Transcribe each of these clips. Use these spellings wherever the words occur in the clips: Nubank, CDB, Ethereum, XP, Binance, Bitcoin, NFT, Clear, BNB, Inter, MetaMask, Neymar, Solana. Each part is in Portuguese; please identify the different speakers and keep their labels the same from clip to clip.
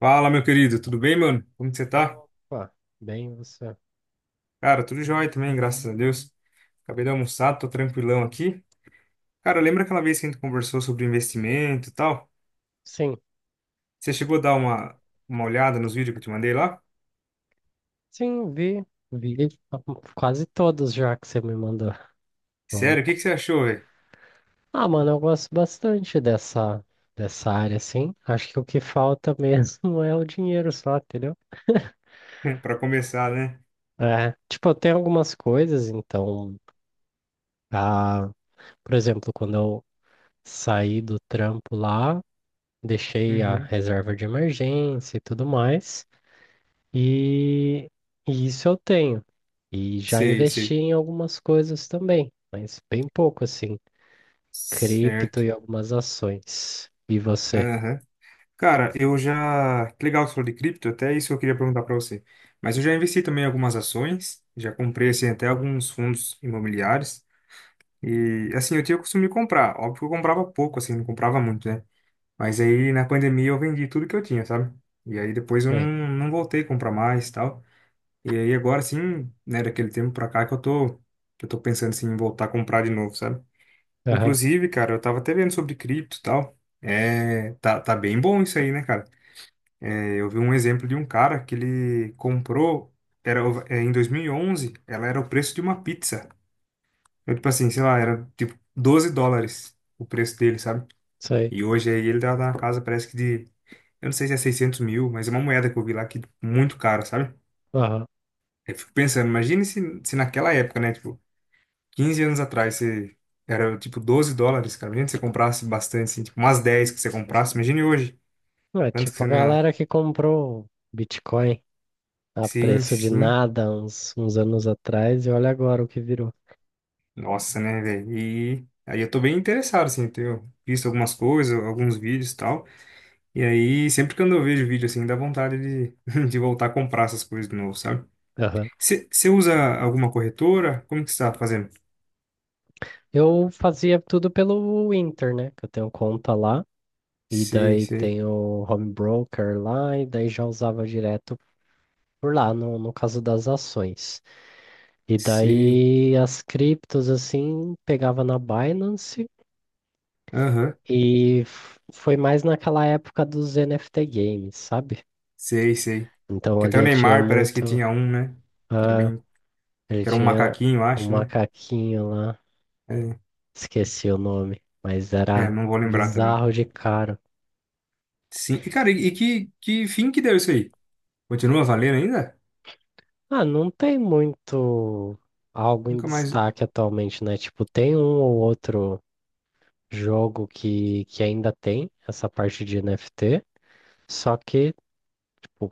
Speaker 1: Fala, meu querido, tudo bem, mano? Como que você tá?
Speaker 2: Opa, bem você.
Speaker 1: Cara, tudo jóia também, graças a Deus. Acabei de almoçar, tô tranquilão aqui. Cara, lembra aquela vez que a gente conversou sobre investimento e tal?
Speaker 2: Sim,
Speaker 1: Você chegou a dar uma olhada nos vídeos que eu te mandei lá?
Speaker 2: sim, vi quase todos já que você me mandou. Bom.
Speaker 1: Sério, o que que você achou, velho?
Speaker 2: Ah, mano, eu gosto bastante dessa área, assim. Acho que o que falta mesmo é o dinheiro só, entendeu?
Speaker 1: Pra começar, né?
Speaker 2: É, tipo, eu tenho algumas coisas, então, ah, por exemplo, quando eu saí do trampo lá, deixei a
Speaker 1: Uhum.
Speaker 2: reserva de emergência e tudo mais. E, e isso eu tenho. E já
Speaker 1: Sei,
Speaker 2: investi
Speaker 1: sei.
Speaker 2: em algumas coisas também, mas bem pouco assim, cripto
Speaker 1: Certo.
Speaker 2: e algumas ações. E você?
Speaker 1: Aham. Cara, eu já. Que legal que você falou de cripto, até isso eu queria perguntar pra você. Mas eu já investi também em algumas ações, já comprei assim, até alguns fundos imobiliários. E assim, eu tinha o costume de comprar. Óbvio que eu comprava pouco, assim, não comprava muito, né? Mas aí na pandemia eu vendi tudo que eu tinha, sabe? E aí depois eu
Speaker 2: É,
Speaker 1: não voltei a comprar mais e tal. E aí agora sim, né, daquele tempo pra cá que eu tô pensando assim, em voltar a comprar de novo, sabe?
Speaker 2: aham,
Speaker 1: Inclusive, cara, eu tava até vendo sobre cripto e tal. É, tá bem bom isso aí, né, cara? É, eu vi um exemplo de um cara que ele comprou, em 2011, ela era o preço de uma pizza. Eu, tipo assim, sei lá, era tipo US$ 12 o preço dele, sabe?
Speaker 2: isso aí.
Speaker 1: E hoje aí ele tá na casa, parece que de. Eu não sei se é 600.000, mas é uma moeda que eu vi lá que tipo, muito cara, sabe?
Speaker 2: Aham.
Speaker 1: Aí eu fico pensando, imagine se naquela época, né? Tipo, 15 anos atrás, você era tipo US$ 12, cara. Imagina se você comprasse bastante, assim, tipo umas 10 que você comprasse. Imagine hoje.
Speaker 2: É,
Speaker 1: Quanto que
Speaker 2: tipo
Speaker 1: você
Speaker 2: a
Speaker 1: não ia.
Speaker 2: galera que comprou Bitcoin a
Speaker 1: Sim,
Speaker 2: preço de
Speaker 1: sim.
Speaker 2: nada uns anos atrás e olha agora o que virou.
Speaker 1: Nossa, né, velho? E aí eu tô bem interessado, assim, tenho visto algumas coisas, alguns vídeos e tal. E aí, sempre que eu vejo vídeo assim, dá vontade de, de voltar a comprar essas coisas de novo, sabe?
Speaker 2: Aham.
Speaker 1: Você usa alguma corretora? Como que você tá fazendo?
Speaker 2: Eu fazia tudo pelo Inter, né? Que eu tenho conta lá. E
Speaker 1: Sei,
Speaker 2: daí
Speaker 1: sei,
Speaker 2: tem o home broker lá, e daí já usava direto por lá, no caso das ações. E
Speaker 1: sei.
Speaker 2: daí as criptos, assim, pegava na Binance
Speaker 1: Aham,
Speaker 2: e foi mais naquela época dos NFT games, sabe?
Speaker 1: sei, sei.
Speaker 2: Então
Speaker 1: Que
Speaker 2: ali
Speaker 1: até o
Speaker 2: eu tinha
Speaker 1: Neymar parece que
Speaker 2: muito.
Speaker 1: tinha um, né? Que era
Speaker 2: Ah,
Speaker 1: bem,
Speaker 2: ele
Speaker 1: que era um
Speaker 2: tinha
Speaker 1: macaquinho, eu
Speaker 2: um
Speaker 1: acho, né?
Speaker 2: macaquinho lá,
Speaker 1: É,
Speaker 2: esqueci o nome, mas
Speaker 1: é,
Speaker 2: era
Speaker 1: não vou lembrar também.
Speaker 2: bizarro de caro.
Speaker 1: Sim, e cara, e que fim que deu isso aí? Continua valendo ainda?
Speaker 2: Ah, não tem muito algo em
Speaker 1: Nunca mais.
Speaker 2: destaque atualmente, né? Tipo, tem um ou outro jogo que ainda tem essa parte de NFT. Só que, pô,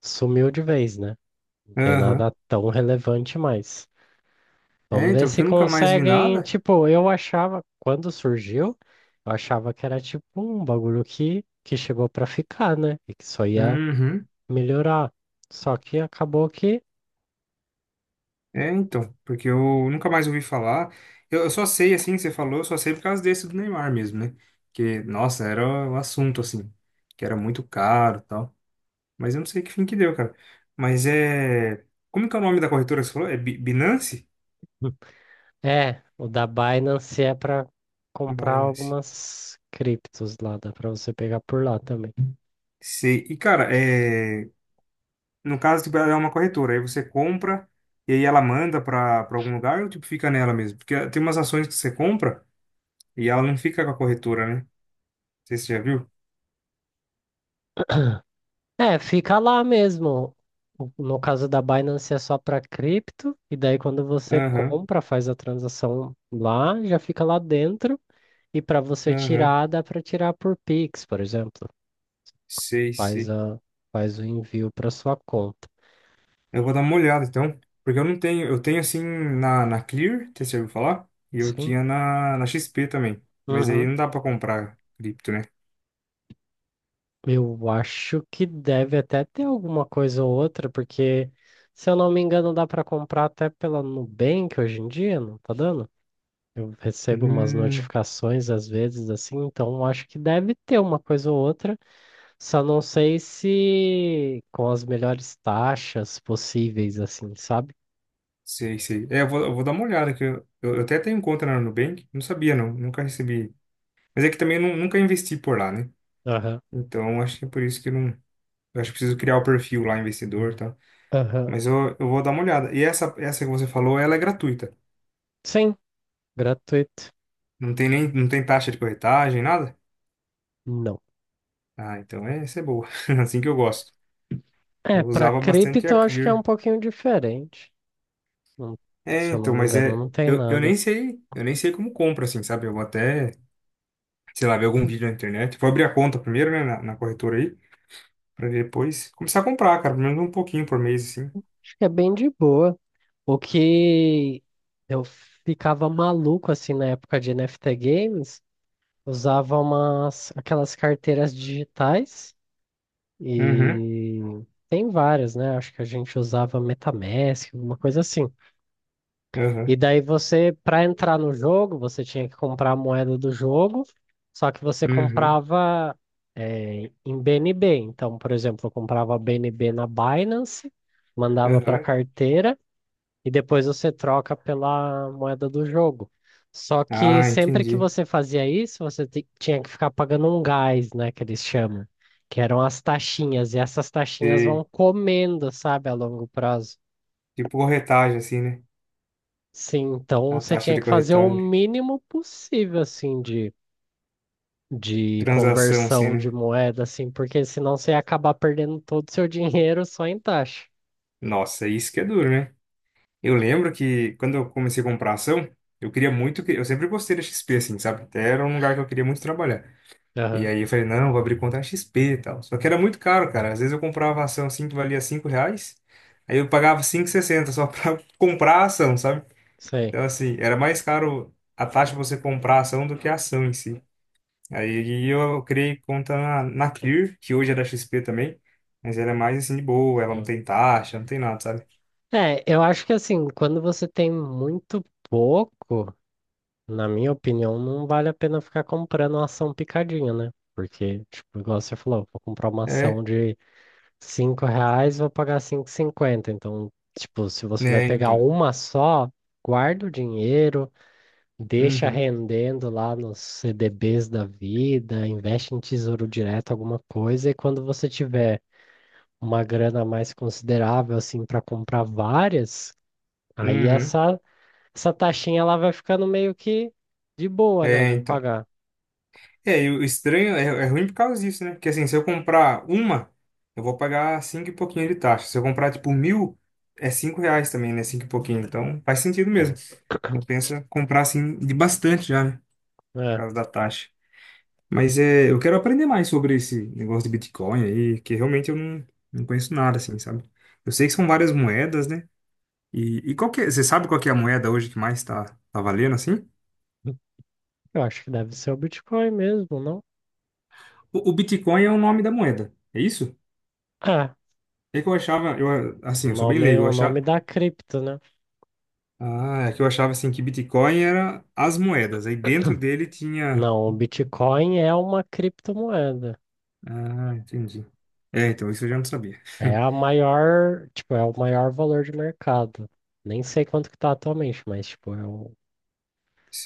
Speaker 2: sumiu de vez, né? Não tem nada
Speaker 1: Aham.
Speaker 2: tão relevante mais.
Speaker 1: É,
Speaker 2: Vamos ver
Speaker 1: então, porque
Speaker 2: se
Speaker 1: eu nunca mais vi
Speaker 2: conseguem.
Speaker 1: nada.
Speaker 2: Tipo, eu achava, quando surgiu, eu achava que era tipo um bagulho que chegou pra ficar, né? E que só ia
Speaker 1: Uhum.
Speaker 2: melhorar. Só que acabou que.
Speaker 1: É, então, porque eu nunca mais ouvi falar. Eu só sei, assim, que você falou, eu só sei por causa desse do Neymar mesmo, né? Que, nossa, era o assunto, assim, que era muito caro e tal. Mas eu não sei que fim que deu, cara. Mas é. Como que é o nome da corretora que você falou? É Binance?
Speaker 2: É, o da Binance é pra comprar
Speaker 1: Binance.
Speaker 2: algumas criptos lá, dá pra você pegar por lá também.
Speaker 1: Sei. E, cara, é. No caso, tipo, ela é uma corretora, aí você compra e aí ela manda pra algum lugar ou, tipo, fica nela mesmo? Porque tem umas ações que você compra e ela não fica com a corretora, né? Não sei se você já viu.
Speaker 2: É, fica lá mesmo. No caso da Binance é só para cripto, e daí quando você
Speaker 1: Aham,
Speaker 2: compra, faz a transação lá, já fica lá dentro, e para você
Speaker 1: aham.
Speaker 2: tirar, dá para tirar por Pix, por exemplo.
Speaker 1: Sei,
Speaker 2: Faz
Speaker 1: sei.
Speaker 2: a, faz o envio para sua conta.
Speaker 1: Eu vou dar uma olhada então, porque eu não tenho, eu tenho assim na Clear, que você já ouviu falar? E eu
Speaker 2: Sim.
Speaker 1: tinha na XP também, mas aí
Speaker 2: Uhum.
Speaker 1: não dá pra comprar cripto, né?
Speaker 2: Eu acho que deve até ter alguma coisa ou outra, porque se eu não me engano, dá para comprar até pela Nubank hoje em dia, não tá dando? Eu recebo umas
Speaker 1: Hum,
Speaker 2: notificações às vezes assim, então acho que deve ter uma coisa ou outra, só não sei se com as melhores taxas possíveis, assim, sabe?
Speaker 1: sei, sei. É, eu vou dar uma olhada, que eu até tenho conta na Nubank, não sabia não, nunca recebi. Mas é que também eu nunca investi por lá, né?
Speaker 2: Aham,
Speaker 1: Então acho que é por isso que eu não. Eu acho que preciso criar o perfil lá, investidor e tal.
Speaker 2: aham.
Speaker 1: Mas eu vou dar uma olhada. E essa que você falou, ela é gratuita.
Speaker 2: Sim, gratuito.
Speaker 1: Não tem nem, não tem taxa de corretagem, nada?
Speaker 2: Não.
Speaker 1: Ah, então é, essa é boa. Assim que eu gosto.
Speaker 2: É,
Speaker 1: Eu
Speaker 2: para
Speaker 1: usava bastante
Speaker 2: cripto
Speaker 1: a
Speaker 2: eu acho que é um
Speaker 1: Clear.
Speaker 2: pouquinho diferente. Não,
Speaker 1: É,
Speaker 2: se eu não
Speaker 1: então,
Speaker 2: me
Speaker 1: mas
Speaker 2: engano,
Speaker 1: é.
Speaker 2: não tem
Speaker 1: Eu
Speaker 2: nada.
Speaker 1: nem sei como compra, assim, sabe? Eu vou até, sei lá, ver algum vídeo na internet. Vou abrir a conta primeiro, né, na corretora aí, pra depois começar a comprar, cara, pelo menos um pouquinho por mês, assim.
Speaker 2: Acho que é bem de boa. O que eu ficava maluco assim na época de NFT Games. Usava umas, aquelas carteiras digitais
Speaker 1: Uhum,
Speaker 2: e tem várias, né? Acho que a gente usava MetaMask, alguma coisa assim. E
Speaker 1: uhum,
Speaker 2: daí você, para entrar no jogo, você tinha que comprar a moeda do jogo, só que você
Speaker 1: uhum,
Speaker 2: comprava em BNB. Então, por exemplo, eu comprava BNB na Binance, mandava para a
Speaker 1: uhum.
Speaker 2: carteira e depois você troca pela moeda do jogo. Só que
Speaker 1: Ah,
Speaker 2: sempre que
Speaker 1: entendi.
Speaker 2: você fazia isso, você tinha que ficar pagando um gás, né, que eles chamam, que eram as taxinhas, e essas taxinhas vão
Speaker 1: Sei.
Speaker 2: comendo, sabe, a longo prazo.
Speaker 1: Tipo corretagem, assim, né?
Speaker 2: Sim, então
Speaker 1: A
Speaker 2: você
Speaker 1: taxa
Speaker 2: tinha
Speaker 1: de
Speaker 2: que fazer o
Speaker 1: corretagem.
Speaker 2: mínimo possível, assim, de
Speaker 1: Transação, assim,
Speaker 2: conversão de
Speaker 1: né?
Speaker 2: moeda, assim, porque senão você ia acabar perdendo todo o seu dinheiro só em taxa.
Speaker 1: Nossa, isso que é duro, né? Eu lembro que quando eu comecei a comprar ação, eu queria muito, eu sempre gostei da XP, assim, sabe? Até era um lugar que eu queria muito trabalhar. E
Speaker 2: Aham,
Speaker 1: aí eu falei, não, vou abrir conta na XP e tal. Só que era muito caro, cara. Às vezes eu comprava ação assim que valia R$ 5, aí eu pagava 5,60 só pra comprar a ação, sabe?
Speaker 2: sei.
Speaker 1: Então, assim, era mais caro a taxa de você comprar a ação do que a ação em si. Aí eu criei conta na Clear, que hoje é da XP também, mas ela é mais assim de boa, ela não
Speaker 2: Sim.
Speaker 1: tem taxa, não tem nada, sabe?
Speaker 2: É, eu acho que assim, quando você tem muito pouco, na minha opinião, não vale a pena ficar comprando uma ação picadinha, né? Porque, tipo, igual você falou, vou comprar uma ação
Speaker 1: É,
Speaker 2: de 5 reais, vou pagar 5,50. Então, tipo, se você vai
Speaker 1: né,
Speaker 2: pegar
Speaker 1: então.
Speaker 2: uma só, guarda o dinheiro, deixa
Speaker 1: Uhum.
Speaker 2: rendendo lá nos CDBs da vida, investe em tesouro direto, alguma coisa, e quando você tiver uma grana mais considerável, assim, para comprar várias, aí
Speaker 1: Uhum.
Speaker 2: essa taxinha ela vai ficando meio que de boa, né,
Speaker 1: É,
Speaker 2: de
Speaker 1: então.
Speaker 2: pagar.
Speaker 1: É, e o estranho é ruim por causa disso, né? Porque assim, se eu comprar uma, eu vou pagar cinco e pouquinho de taxa. Se eu comprar, tipo, 1.000, é R$ 5 também, né? Cinco e pouquinho. Então, faz sentido mesmo.
Speaker 2: Sim.
Speaker 1: Compensa comprar, assim, de bastante já, né? Por
Speaker 2: É.
Speaker 1: causa da taxa. Mas é, eu quero aprender mais sobre esse negócio de Bitcoin aí, que realmente eu não conheço nada, assim, sabe? Eu sei que são várias moedas, né? E qual que é, você sabe qual que é a moeda hoje que mais tá, valendo, assim?
Speaker 2: Eu acho que deve ser o Bitcoin mesmo, não?
Speaker 1: O Bitcoin é o nome da moeda, é isso?
Speaker 2: É,
Speaker 1: É que eu achava, eu,
Speaker 2: o
Speaker 1: assim, eu sou bem
Speaker 2: nome,
Speaker 1: leigo, eu
Speaker 2: o nome
Speaker 1: achava,
Speaker 2: da cripto, né?
Speaker 1: ah, é que eu achava, assim, que Bitcoin era as moedas, aí dentro dele tinha,
Speaker 2: Não, o Bitcoin é uma criptomoeda.
Speaker 1: ah, entendi. É, então, isso eu já não sabia.
Speaker 2: É a maior, tipo, é o maior valor de mercado. Nem sei quanto que tá atualmente, mas, tipo, é o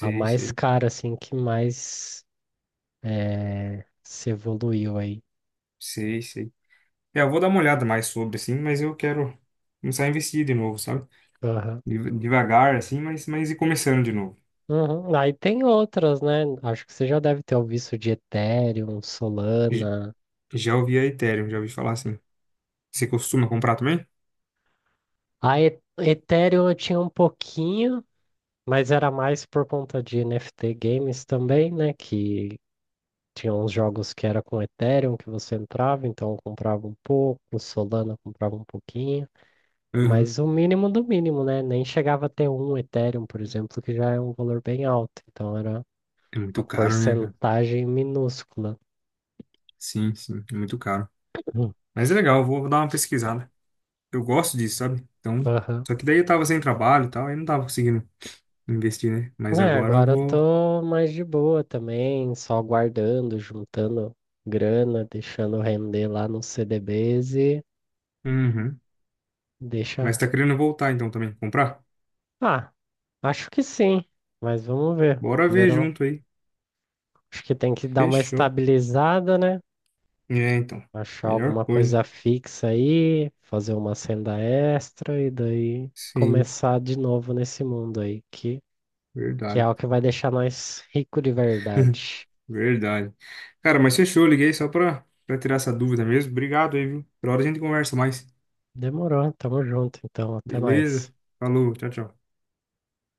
Speaker 2: a mais
Speaker 1: sei,
Speaker 2: cara, assim, que mais é, se evoluiu aí.
Speaker 1: sei, sei. É, eu vou dar uma olhada mais sobre, assim, mas eu quero começar a investir de novo, sabe?
Speaker 2: Aham.
Speaker 1: Devagar, assim, mas e começando de novo.
Speaker 2: Uhum. Aí tem outras, né? Acho que você já deve ter ouvido isso de Ethereum,
Speaker 1: J-
Speaker 2: Solana.
Speaker 1: Já ouvi a Ethereum, já ouvi falar assim. Você costuma comprar também?
Speaker 2: A Ethereum eu tinha um pouquinho. Mas era mais por conta de NFT games também, né? Que tinha uns jogos que era com Ethereum que você entrava, então eu comprava um pouco, Solana comprava um pouquinho,
Speaker 1: Uhum.
Speaker 2: mas o mínimo do mínimo, né? Nem chegava a ter um Ethereum, por exemplo, que já é um valor bem alto, então era
Speaker 1: É
Speaker 2: uma
Speaker 1: muito caro, né, cara?
Speaker 2: porcentagem minúscula.
Speaker 1: Sim, sim, é muito caro.
Speaker 2: Hum.
Speaker 1: Mas é legal, eu vou dar uma pesquisada. Eu gosto disso, sabe? Então,
Speaker 2: Aham.
Speaker 1: só que daí eu tava sem trabalho e tal, aí não tava conseguindo investir, né? Mas
Speaker 2: É,
Speaker 1: agora eu
Speaker 2: agora eu
Speaker 1: vou.
Speaker 2: tô mais de boa também, só guardando, juntando grana, deixando render lá nos CDBs e
Speaker 1: Uhum. Mas
Speaker 2: deixa.
Speaker 1: tá querendo voltar então também, comprar?
Speaker 2: Ah, acho que sim, mas vamos ver.
Speaker 1: Bora ver
Speaker 2: Primeiro,
Speaker 1: junto aí.
Speaker 2: acho que tem que dar uma
Speaker 1: Fechou.
Speaker 2: estabilizada, né?
Speaker 1: É, então.
Speaker 2: Achar
Speaker 1: Melhor
Speaker 2: alguma
Speaker 1: coisa.
Speaker 2: coisa fixa aí, fazer uma senda extra e daí
Speaker 1: Sim,
Speaker 2: começar de novo nesse mundo aí, que é
Speaker 1: verdade.
Speaker 2: o que vai deixar nós rico de verdade.
Speaker 1: Verdade. Cara, mas fechou, liguei só pra tirar essa dúvida mesmo. Obrigado aí, viu? Por hora a gente conversa mais.
Speaker 2: Demorou, tamo junto, então, até
Speaker 1: Beleza?
Speaker 2: mais.
Speaker 1: Falou, tchau, tchau.